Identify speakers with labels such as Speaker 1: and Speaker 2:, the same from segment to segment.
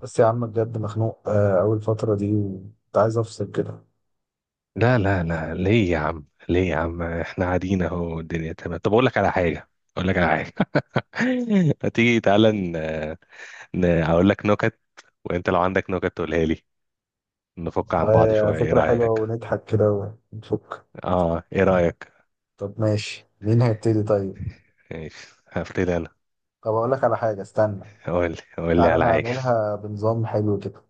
Speaker 1: بس يا عم بجد مخنوق، أول فترة دي وكنت عايز أفصل كده.
Speaker 2: لا لا لا ليه يا عم ليه يا عم احنا قاعدين اهو، الدنيا تمام. طب اقول لك على حاجه. ما تيجي تعالى اقول لك نكت. وانت لو عندك نكت تقولها لي. نفك عن بعض
Speaker 1: آه،
Speaker 2: شويه، ايه
Speaker 1: فكرة حلوة
Speaker 2: رايك؟
Speaker 1: ونضحك كده ونفك.
Speaker 2: اه، ايه رايك؟
Speaker 1: طب ماشي، مين هيبتدي طيب؟
Speaker 2: ماشي، هبتدي انا.
Speaker 1: طب أقول لك على حاجة، استنى.
Speaker 2: قول لي
Speaker 1: تعالى
Speaker 2: على حاجه.
Speaker 1: نعملها بنظام حلو كده.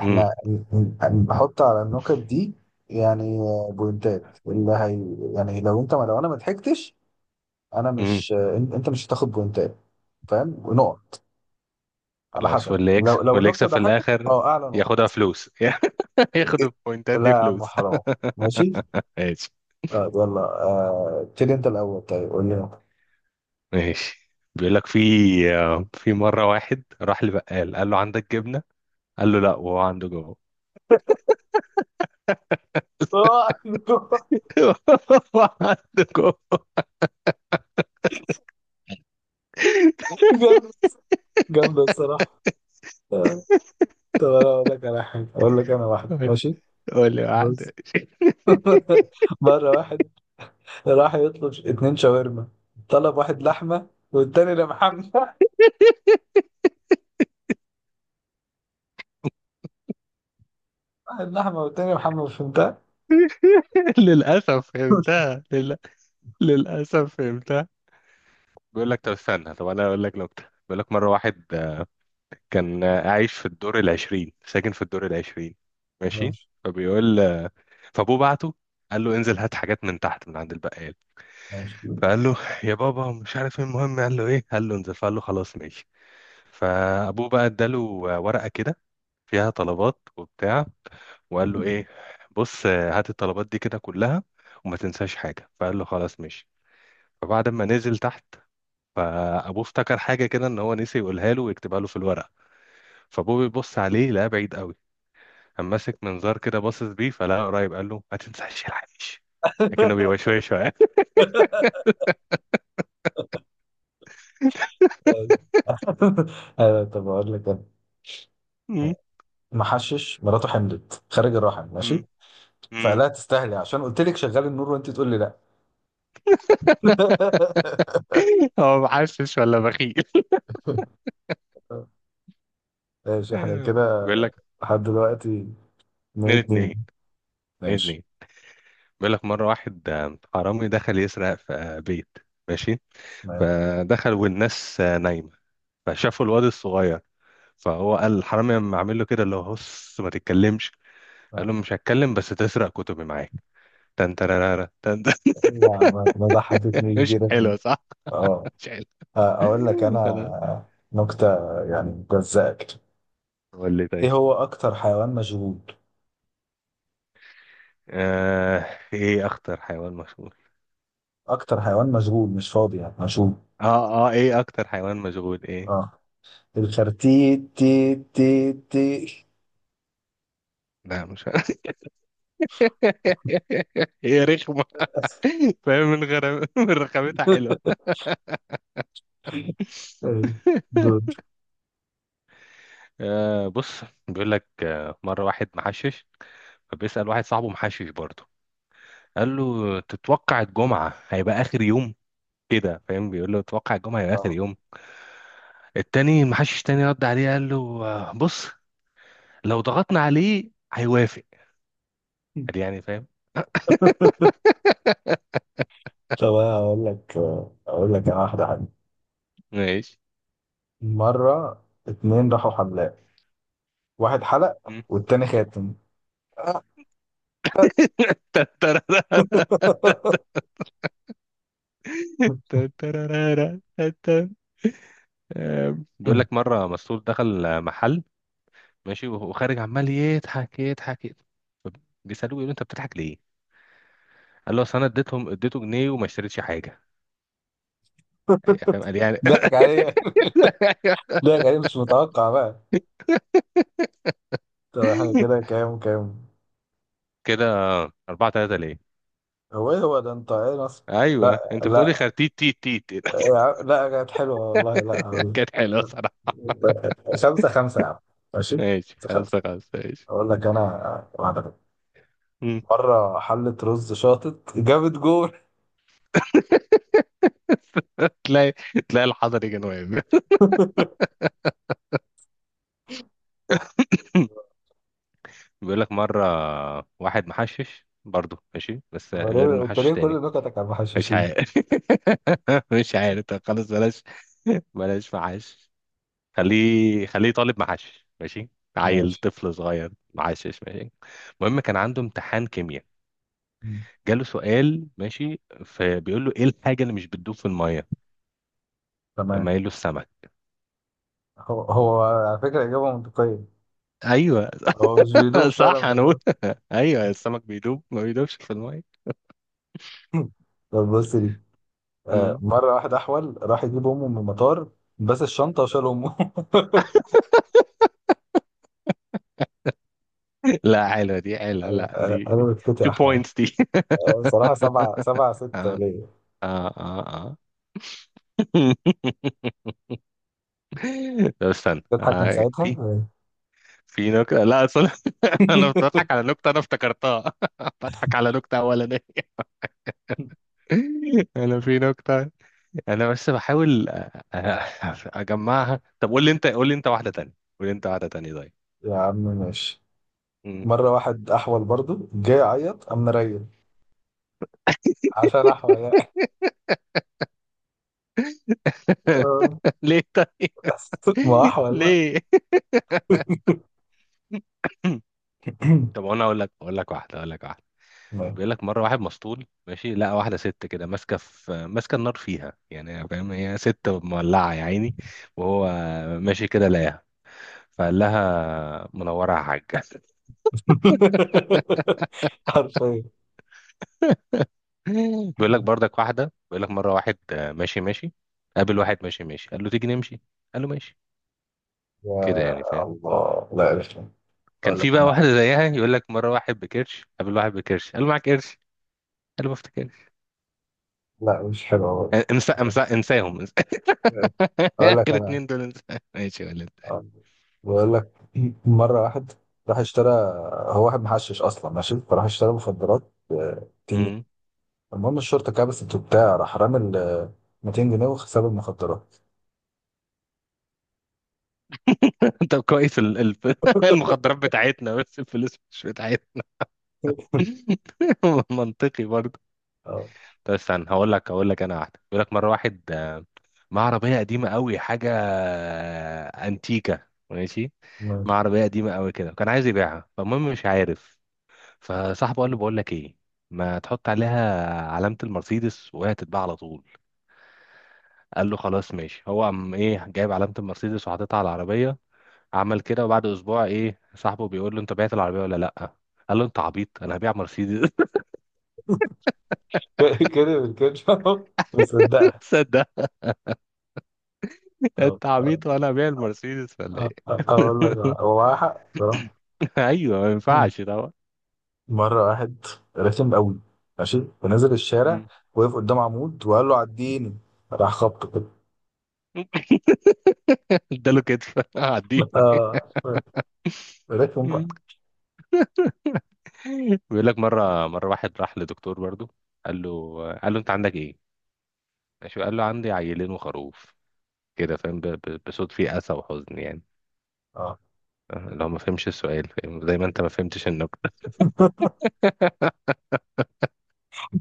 Speaker 2: امم
Speaker 1: نحط على النكت دي يعني بوينتات اللي هي. يعني لو أنا ما ضحكتش، أنا
Speaker 2: امم
Speaker 1: مش أنت مش هتاخد بوينتات. فاهم؟ ونقط على
Speaker 2: خلاص،
Speaker 1: حسب.
Speaker 2: واللي يكسب
Speaker 1: لو
Speaker 2: واللي يكسب
Speaker 1: النكتة
Speaker 2: في
Speaker 1: ضحكت
Speaker 2: الاخر
Speaker 1: أعلى نقط.
Speaker 2: ياخدها فلوس. ياخد
Speaker 1: إيه،
Speaker 2: البوينتات
Speaker 1: لا
Speaker 2: دي
Speaker 1: يا عم
Speaker 2: فلوس.
Speaker 1: حرام. ماشي.
Speaker 2: ماشي.
Speaker 1: طيب يلا، ابتدي انت الاول. طيب قول لي انت.
Speaker 2: ماشي. بيقول لك في مره واحد راح لبقال، قال له عندك جبنه؟ قال له لا، وهو عنده جوه.
Speaker 1: آه،
Speaker 2: هو عنده جوه.
Speaker 1: جامدة، جامدة الصراحة. آه، طب أنا أقول لك على حاجة، اقول لك انا، واحد ماشي.
Speaker 2: قول لي واحدة.
Speaker 1: بص مرة واحد راح يطلب اتنين شاورما، طلب واحد لحمة والتاني ده محمد. واحد لحمة والتاني محمد، فهمتها؟
Speaker 2: للأسف فهمتها للأسف فهمتها. بيقول لك طب استنى، طب أنا أقول لك نكتة. بيقول لك مرة واحد كان عايش في الدور العشرين، ساكن في الدور العشرين. ماشي.
Speaker 1: ماشي،
Speaker 2: فبيقول آه، فأبوه بعته، قال له انزل هات حاجات من تحت من عند البقال.
Speaker 1: ماشي.
Speaker 2: فقال له يا بابا مش عارف ايه، المهم قال له ايه؟ قال له انزل. فقال له خلاص ماشي. فأبوه بقى اداله ورقة كده فيها طلبات وبتاع، وقال له ايه، بص هات الطلبات دي كده كلها وما تنساش حاجه. فقال له خلاص ماشي. فبعد ما نزل تحت، فابوه افتكر حاجه كده ان هو نسي يقولها له ويكتبها له في الورقه. فابوه بيبص عليه لقاه بعيد قوي، قام ماسك منظار كده باصص بيه فلقاه قريب، قال له ما تنساش العيش. لكنه بيوشوشه يعني.
Speaker 1: آه، طب اقول لك انا.
Speaker 2: مم.
Speaker 1: محشش مراته حملت خارج الرحم، ماشي،
Speaker 2: مم.
Speaker 1: فقال
Speaker 2: مم.
Speaker 1: لها تستاهلي عشان قلت لك شغال النور وانت تقول لي لا.
Speaker 2: هو محشش ولا بخيل؟
Speaker 1: ماشي احنا كده
Speaker 2: بيقول لك
Speaker 1: لحد دلوقتي، اتنين
Speaker 2: اتنين
Speaker 1: اتنين.
Speaker 2: اتنين. اتنين
Speaker 1: ماشي،
Speaker 2: اتنين. بيقول لك مرة واحد حرامي دخل يسرق في بيت. ماشي.
Speaker 1: تمام.
Speaker 2: فدخلوا والناس نايمة، فشافوا الواد الصغير. فهو قال الحرامي لما عامل له كده اللي هو هص، ما تتكلمش. قال
Speaker 1: آه.
Speaker 2: له مش هتكلم، بس تسرق كتبي معاك. تن ترارارا، تن تن.
Speaker 1: ما ضحكتني
Speaker 2: مش
Speaker 1: دي رقم.
Speaker 2: حلو صح؟
Speaker 1: اه.
Speaker 2: مش حلو.
Speaker 1: اقول لك انا
Speaker 2: خلاص.
Speaker 1: نكتة، يعني جزاك.
Speaker 2: قول لي طيب.
Speaker 1: ايه هو اكتر حيوان مشغول؟
Speaker 2: آه، ايه اخطر حيوان مشهور؟
Speaker 1: اكتر حيوان مشغول مش فاضي، يعني مشغول.
Speaker 2: اه، اه، ايه اكتر حيوان مشغول، ايه؟
Speaker 1: اه. الخرتيت تي تي تي.
Speaker 2: لا، مش هي رخمة. فاهم من غير من رخامتها.
Speaker 1: إيه، دول.
Speaker 2: آه بص، بيقول لك آه مرة واحد محشش، فبيسأل واحد صاحبه محشش برضه، قال له تتوقع الجمعة هيبقى آخر يوم؟ كده، فاهم؟ بيقول له تتوقع الجمعة هيبقى آخر
Speaker 1: اه.
Speaker 2: يوم. التاني المحشش تاني رد عليه، قال له آه بص، لو ضغطنا عليه هيوافق. قال يعني، فاهم.
Speaker 1: طب انا اقول لك انا واحدة حلوة.
Speaker 2: ماشي.
Speaker 1: مرة اتنين راحوا حمام، واحد حلق
Speaker 2: مم.
Speaker 1: والتاني خاتم. آه.
Speaker 2: تترارارا، تترارارا. بيقول لك مرة مسطول دخل محل ماشي، وخارج عمال يضحك يضحك يضحك. بيسألوه، يقول له انت بتضحك ليه؟ قال له اصل انا اديته جنيه وما اشتريتش حاجه. فاهم، قال يعني.
Speaker 1: ضحك عليه، ضحك عليه مش متوقع بقى. طب احنا كده كام كام؟
Speaker 2: كده 4-3، ليه؟
Speaker 1: هو ايه، هو ده انت ايه نص؟ لا
Speaker 2: ايوه انت بتقولي
Speaker 1: لا
Speaker 2: خرتيت تيت تيت.
Speaker 1: لا، كانت حلوه والله، لا والله.
Speaker 2: كانت حلوه صراحه.
Speaker 1: خمسة خمسة يا عم. ماشي،
Speaker 2: ماشي،
Speaker 1: خمسة خمسة.
Speaker 2: خمسة خمسة. ماشي.
Speaker 1: أقول لك أنا واحدة بقى.
Speaker 2: مم.
Speaker 1: مرة حلة رز شاطت جابت جول.
Speaker 2: تلاقي تلاقي الحضر يجي واقف. بيقول لك مرة واحد محشش برضه، ماشي بس غير
Speaker 1: أنت
Speaker 2: المحشش
Speaker 1: ليه
Speaker 2: تاني.
Speaker 1: كل نكتك على
Speaker 2: مش
Speaker 1: المحششين؟
Speaker 2: عارف. مش عارف. طب خلاص، بلاش، بلاش محشش. خليه، خليه طالب محشش ماشي، عيل
Speaker 1: ماشي.
Speaker 2: طفل صغير محشش ماشي. المهم كان عنده امتحان كيمياء،
Speaker 1: مم.
Speaker 2: جاله سؤال، ماشي. فبيقول له ايه الحاجه اللي مش بتدوب في الميه؟
Speaker 1: تمام.
Speaker 2: اما قال له السمك.
Speaker 1: هو هو على فكرة إجابة منطقية.
Speaker 2: ايوه.
Speaker 1: هو مش بيدوب فعلا
Speaker 2: صح، انا بقول.
Speaker 1: والله.
Speaker 2: ايوه، السمك ما بيدوبش في الميه.
Speaker 1: طب بص دي،
Speaker 2: مم.
Speaker 1: مرة واحد أحول راح يجيب أمه من المطار، بس الشنطة وشال أمه.
Speaker 2: لا، حلوه دي، حلوه،
Speaker 1: أيوة.
Speaker 2: لا، دي
Speaker 1: أنا
Speaker 2: دي
Speaker 1: بسكوت يا
Speaker 2: 2
Speaker 1: أحمد.
Speaker 2: بوينتس دي.
Speaker 1: بصراحة سبعة سبعة ستة
Speaker 2: اه،
Speaker 1: ليا.
Speaker 2: اه، اه، اه. طب استنى،
Speaker 1: تضحك من
Speaker 2: في
Speaker 1: ساعتها.
Speaker 2: في نكتة، لا اصل انا بضحك على نكتة انا افتكرتها. بضحك على نكتة اولانية. انا في نكتة، انا بس بحاول اجمعها. طب قول لي انت واحده تانية، طيب.
Speaker 1: يا عم ماشي.
Speaker 2: مم.
Speaker 1: مرة واحد أحول برضه جاي يعيط، قام مريل عشان أحول يعني. آه،
Speaker 2: ليه طيب؟
Speaker 1: بس ما أحول بقى.
Speaker 2: ليه؟ طب انا اقول لك واحده. بيقول لك مره واحد مسطول ماشي، لقى واحده ست كده ماسكه النار فيها يعني، فاهم؟ هي ست مولعه يا عيني. وهو ماشي كده لقاها، فقال لها منوره يا حاجه.
Speaker 1: حرفيا.
Speaker 2: بيقول لك برضك واحده، بيقول لك مره واحد ماشي ماشي، قابل واحد ماشي ماشي، قال له تيجي نمشي. قال له ماشي. كده
Speaker 1: يا
Speaker 2: يعني، فاهم؟
Speaker 1: الله لا عرفت.
Speaker 2: كان
Speaker 1: أقول لك،
Speaker 2: في بقى واحدة زيها. يقول لك مرة واحد بكرش قابل واحد بكرش، قال له معاك قرش؟ قال له ما افتكرش.
Speaker 1: لا مش حلوة برضه.
Speaker 2: انسى، انسى، انساهم، انسى.
Speaker 1: أقول لك
Speaker 2: اخر
Speaker 1: أنا،
Speaker 2: اتنين دول انسى. ماشي يا ولد.
Speaker 1: آه، بقول لك مرة واحد راح اشترى، هو واحد محشش أصلا ماشي، فراح اشترى مخدرات 200 جنيه.
Speaker 2: مم.
Speaker 1: المهم الشرطة كبست وبتاع، راح رامي ال 200 جنيه وساب المخدرات.
Speaker 2: طب كويس، المخدرات بتاعتنا بس الفلوس مش بتاعتنا. منطقي برضه.
Speaker 1: اه
Speaker 2: طب استنى، هقول لك انا واحدة. يقول لك مرة واحد مع عربية قديمة قوي حاجة انتيكة، ماشي. مع
Speaker 1: ماشي.
Speaker 2: عربية قديمة قوي كده، كان عايز يبيعها، فالمهم مش عارف. فصاحبه قال له بقول لك ايه، ما تحط عليها علامة المرسيدس وهي تتباع على طول. قال له خلاص ماشي. هو قام ايه، جايب علامة المرسيدس وحاططها على العربية. عمل كده، وبعد اسبوع ايه صاحبه بيقول له انت بعت العربية ولا لا؟ قال له انت عبيط، انا هبيع مرسيدس.
Speaker 1: كده كده. مصدقها.
Speaker 2: صدق.
Speaker 1: طب
Speaker 2: انت عبيط، وانا هبيع المرسيدس ولا ايه؟
Speaker 1: أقول لك، هو معاه حق بصراحة.
Speaker 2: ايوه، ما ينفعش طبعا.
Speaker 1: مرة واحد رخم قوي، ماشي، فنزل الشارع،
Speaker 2: مم.
Speaker 1: وقف قدام عمود وقال له عديني، راح خبطه كده.
Speaker 2: اداله كتف. عديه.
Speaker 1: اه رخم
Speaker 2: مم.
Speaker 1: بقى.
Speaker 2: بيقول لك مره واحد راح لدكتور برضو. قال له انت عندك ايه؟ ماشي. وقال له عندي عيلين وخروف، كده، فاهم؟ بصوت فيه أسى وحزن يعني.
Speaker 1: اه.
Speaker 2: لو ما فهمش السؤال، فاهم زي ما انت ما فهمتش النكتة.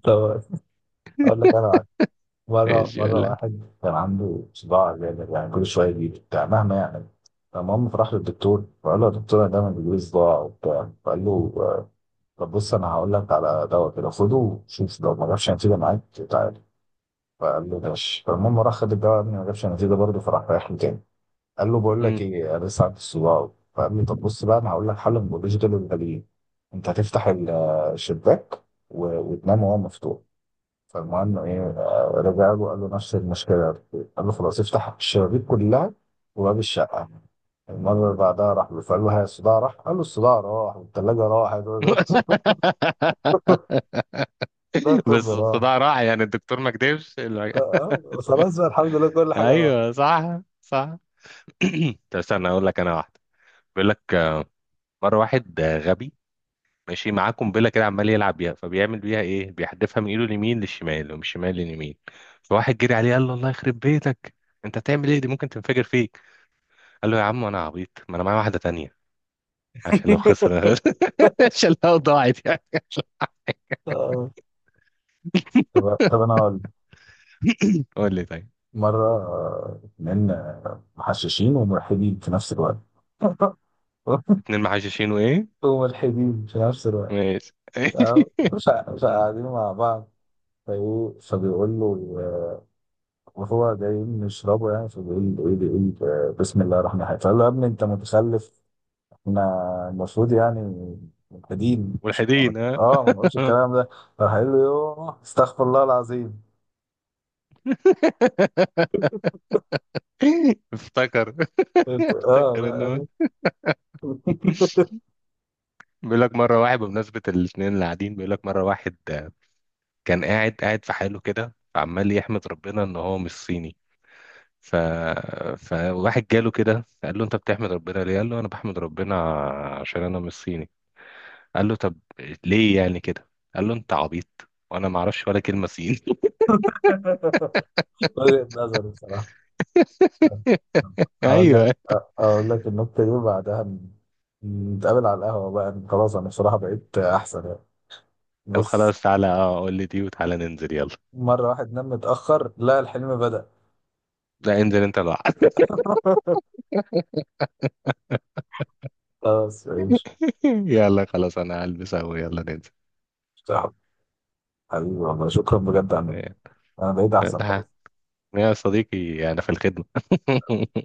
Speaker 1: طب اقول لك انا واحد. مرة
Speaker 2: ماشي
Speaker 1: مرة
Speaker 2: ولا.
Speaker 1: واحد كان عنده صداع جامد، يعني كل شوية يجي بتاع مهما يعني. المهم فراح للدكتور، فقال له يا دكتور انا دايما بيجيلي صداع وبتاع. فقال له طب بص، انا هقول لك على دواء كده، خده وشوف لو ما جابش نتيجة معاك تعالى. فقال له ماشي. فالمهم راح خد الدواء، ما جابش نتيجة برضه، فراح رايح له تاني، قال له بقول لك
Speaker 2: مم.
Speaker 1: ايه، انا لسه عندي الصداع. فقال لي طب بص بقى، انا هقول لك حل من دول الغاليين. انت هتفتح الشباك وتنام وهو مفتوح. فالمهم ايه، رجع له قال له نفس المشكله. قال له خلاص، افتح الشبابيك كلها وباب الشقه. المره اللي بعدها راح له، فقال له ها الصداع راح؟ قال له الصداع راح، والثلاجه راحت، اللابتوب
Speaker 2: بس
Speaker 1: راح.
Speaker 2: الصداع راح يعني، الدكتور ما كدبش
Speaker 1: آه، خلاص بقى، الحمد لله كل حاجه راحت.
Speaker 2: ايوه، صح، صح. طب استنى، اقول لك انا واحده. بيقول لك مره واحد غبي ماشي معاه قنبله كده، عمال يلعب بيها. فبيعمل بيها ايه، بيحدفها من ايده اليمين للشمال ومن الشمال لليمين. فواحد جري عليه قال له الله يخرب بيتك، انت هتعمل ايه دي؟ ممكن تنفجر فيك. قال له يا عم انا عبيط، ما انا معايا واحده تانية، عشان لو خسر عشان لو ضاعت يعني.
Speaker 1: آه. طب طب انا هقول.
Speaker 2: قول لي طيب.
Speaker 1: مرة اتنين محششين وملحدين في نفس الوقت.
Speaker 2: اتنين محششين وايه؟
Speaker 1: وملحدين في نفس الوقت،
Speaker 2: ماشي.
Speaker 1: تمام. فقاعدين مع بعض، فايه، فبيقول له وهو جايين نشربه يعني، فبيقول له ايه، بيقول بسم الله الرحمن الرحيم. فقال له يا ابني انت متخلف، احنا المفروض يعني ملحدين
Speaker 2: ملحدين، ها.
Speaker 1: اه ما نقولش الكلام ده. راح قال له يوه استغفر الله العظيم.
Speaker 2: افتكر افتكر ان هو.
Speaker 1: اه.
Speaker 2: بيقول لك مره واحد بمناسبه الاثنين اللي قاعدين، بيقول لك مره واحد كان قاعد قاعد في حاله كده عمال يحمد ربنا ان هو مش صيني. ف... فواحد جاله كده قال له انت بتحمد ربنا ليه؟ قال له انا بحمد ربنا عشان انا مش صيني. قال له طب ليه يعني كده؟ قال له انت عبيط، وانا ما اعرفش ولا كلمه صيني.
Speaker 1: وجهة نظر بصراحة. اقول لك
Speaker 2: ايوه.
Speaker 1: اقول لك النكته دي وبعدها نتقابل على القهوه بقى. خلاص انا بصراحه بقيت احسن يعني.
Speaker 2: طب
Speaker 1: بص،
Speaker 2: خلاص، تعالى. اه، قول لي دي وتعالى ننزل، يلا.
Speaker 1: مره واحد نام متاخر، لا الحلم بدأ.
Speaker 2: لا، انزل انت لوحدك.
Speaker 1: خلاص ماشي
Speaker 2: يلا خلاص، انا هلبس اهو، يلا ننزل.
Speaker 1: حبيبي. والله شكرا بجد عنك.
Speaker 2: إيه،
Speaker 1: انا بقيت احسن
Speaker 2: لا
Speaker 1: خلاص.
Speaker 2: يا صديقي، انا في الخدمه.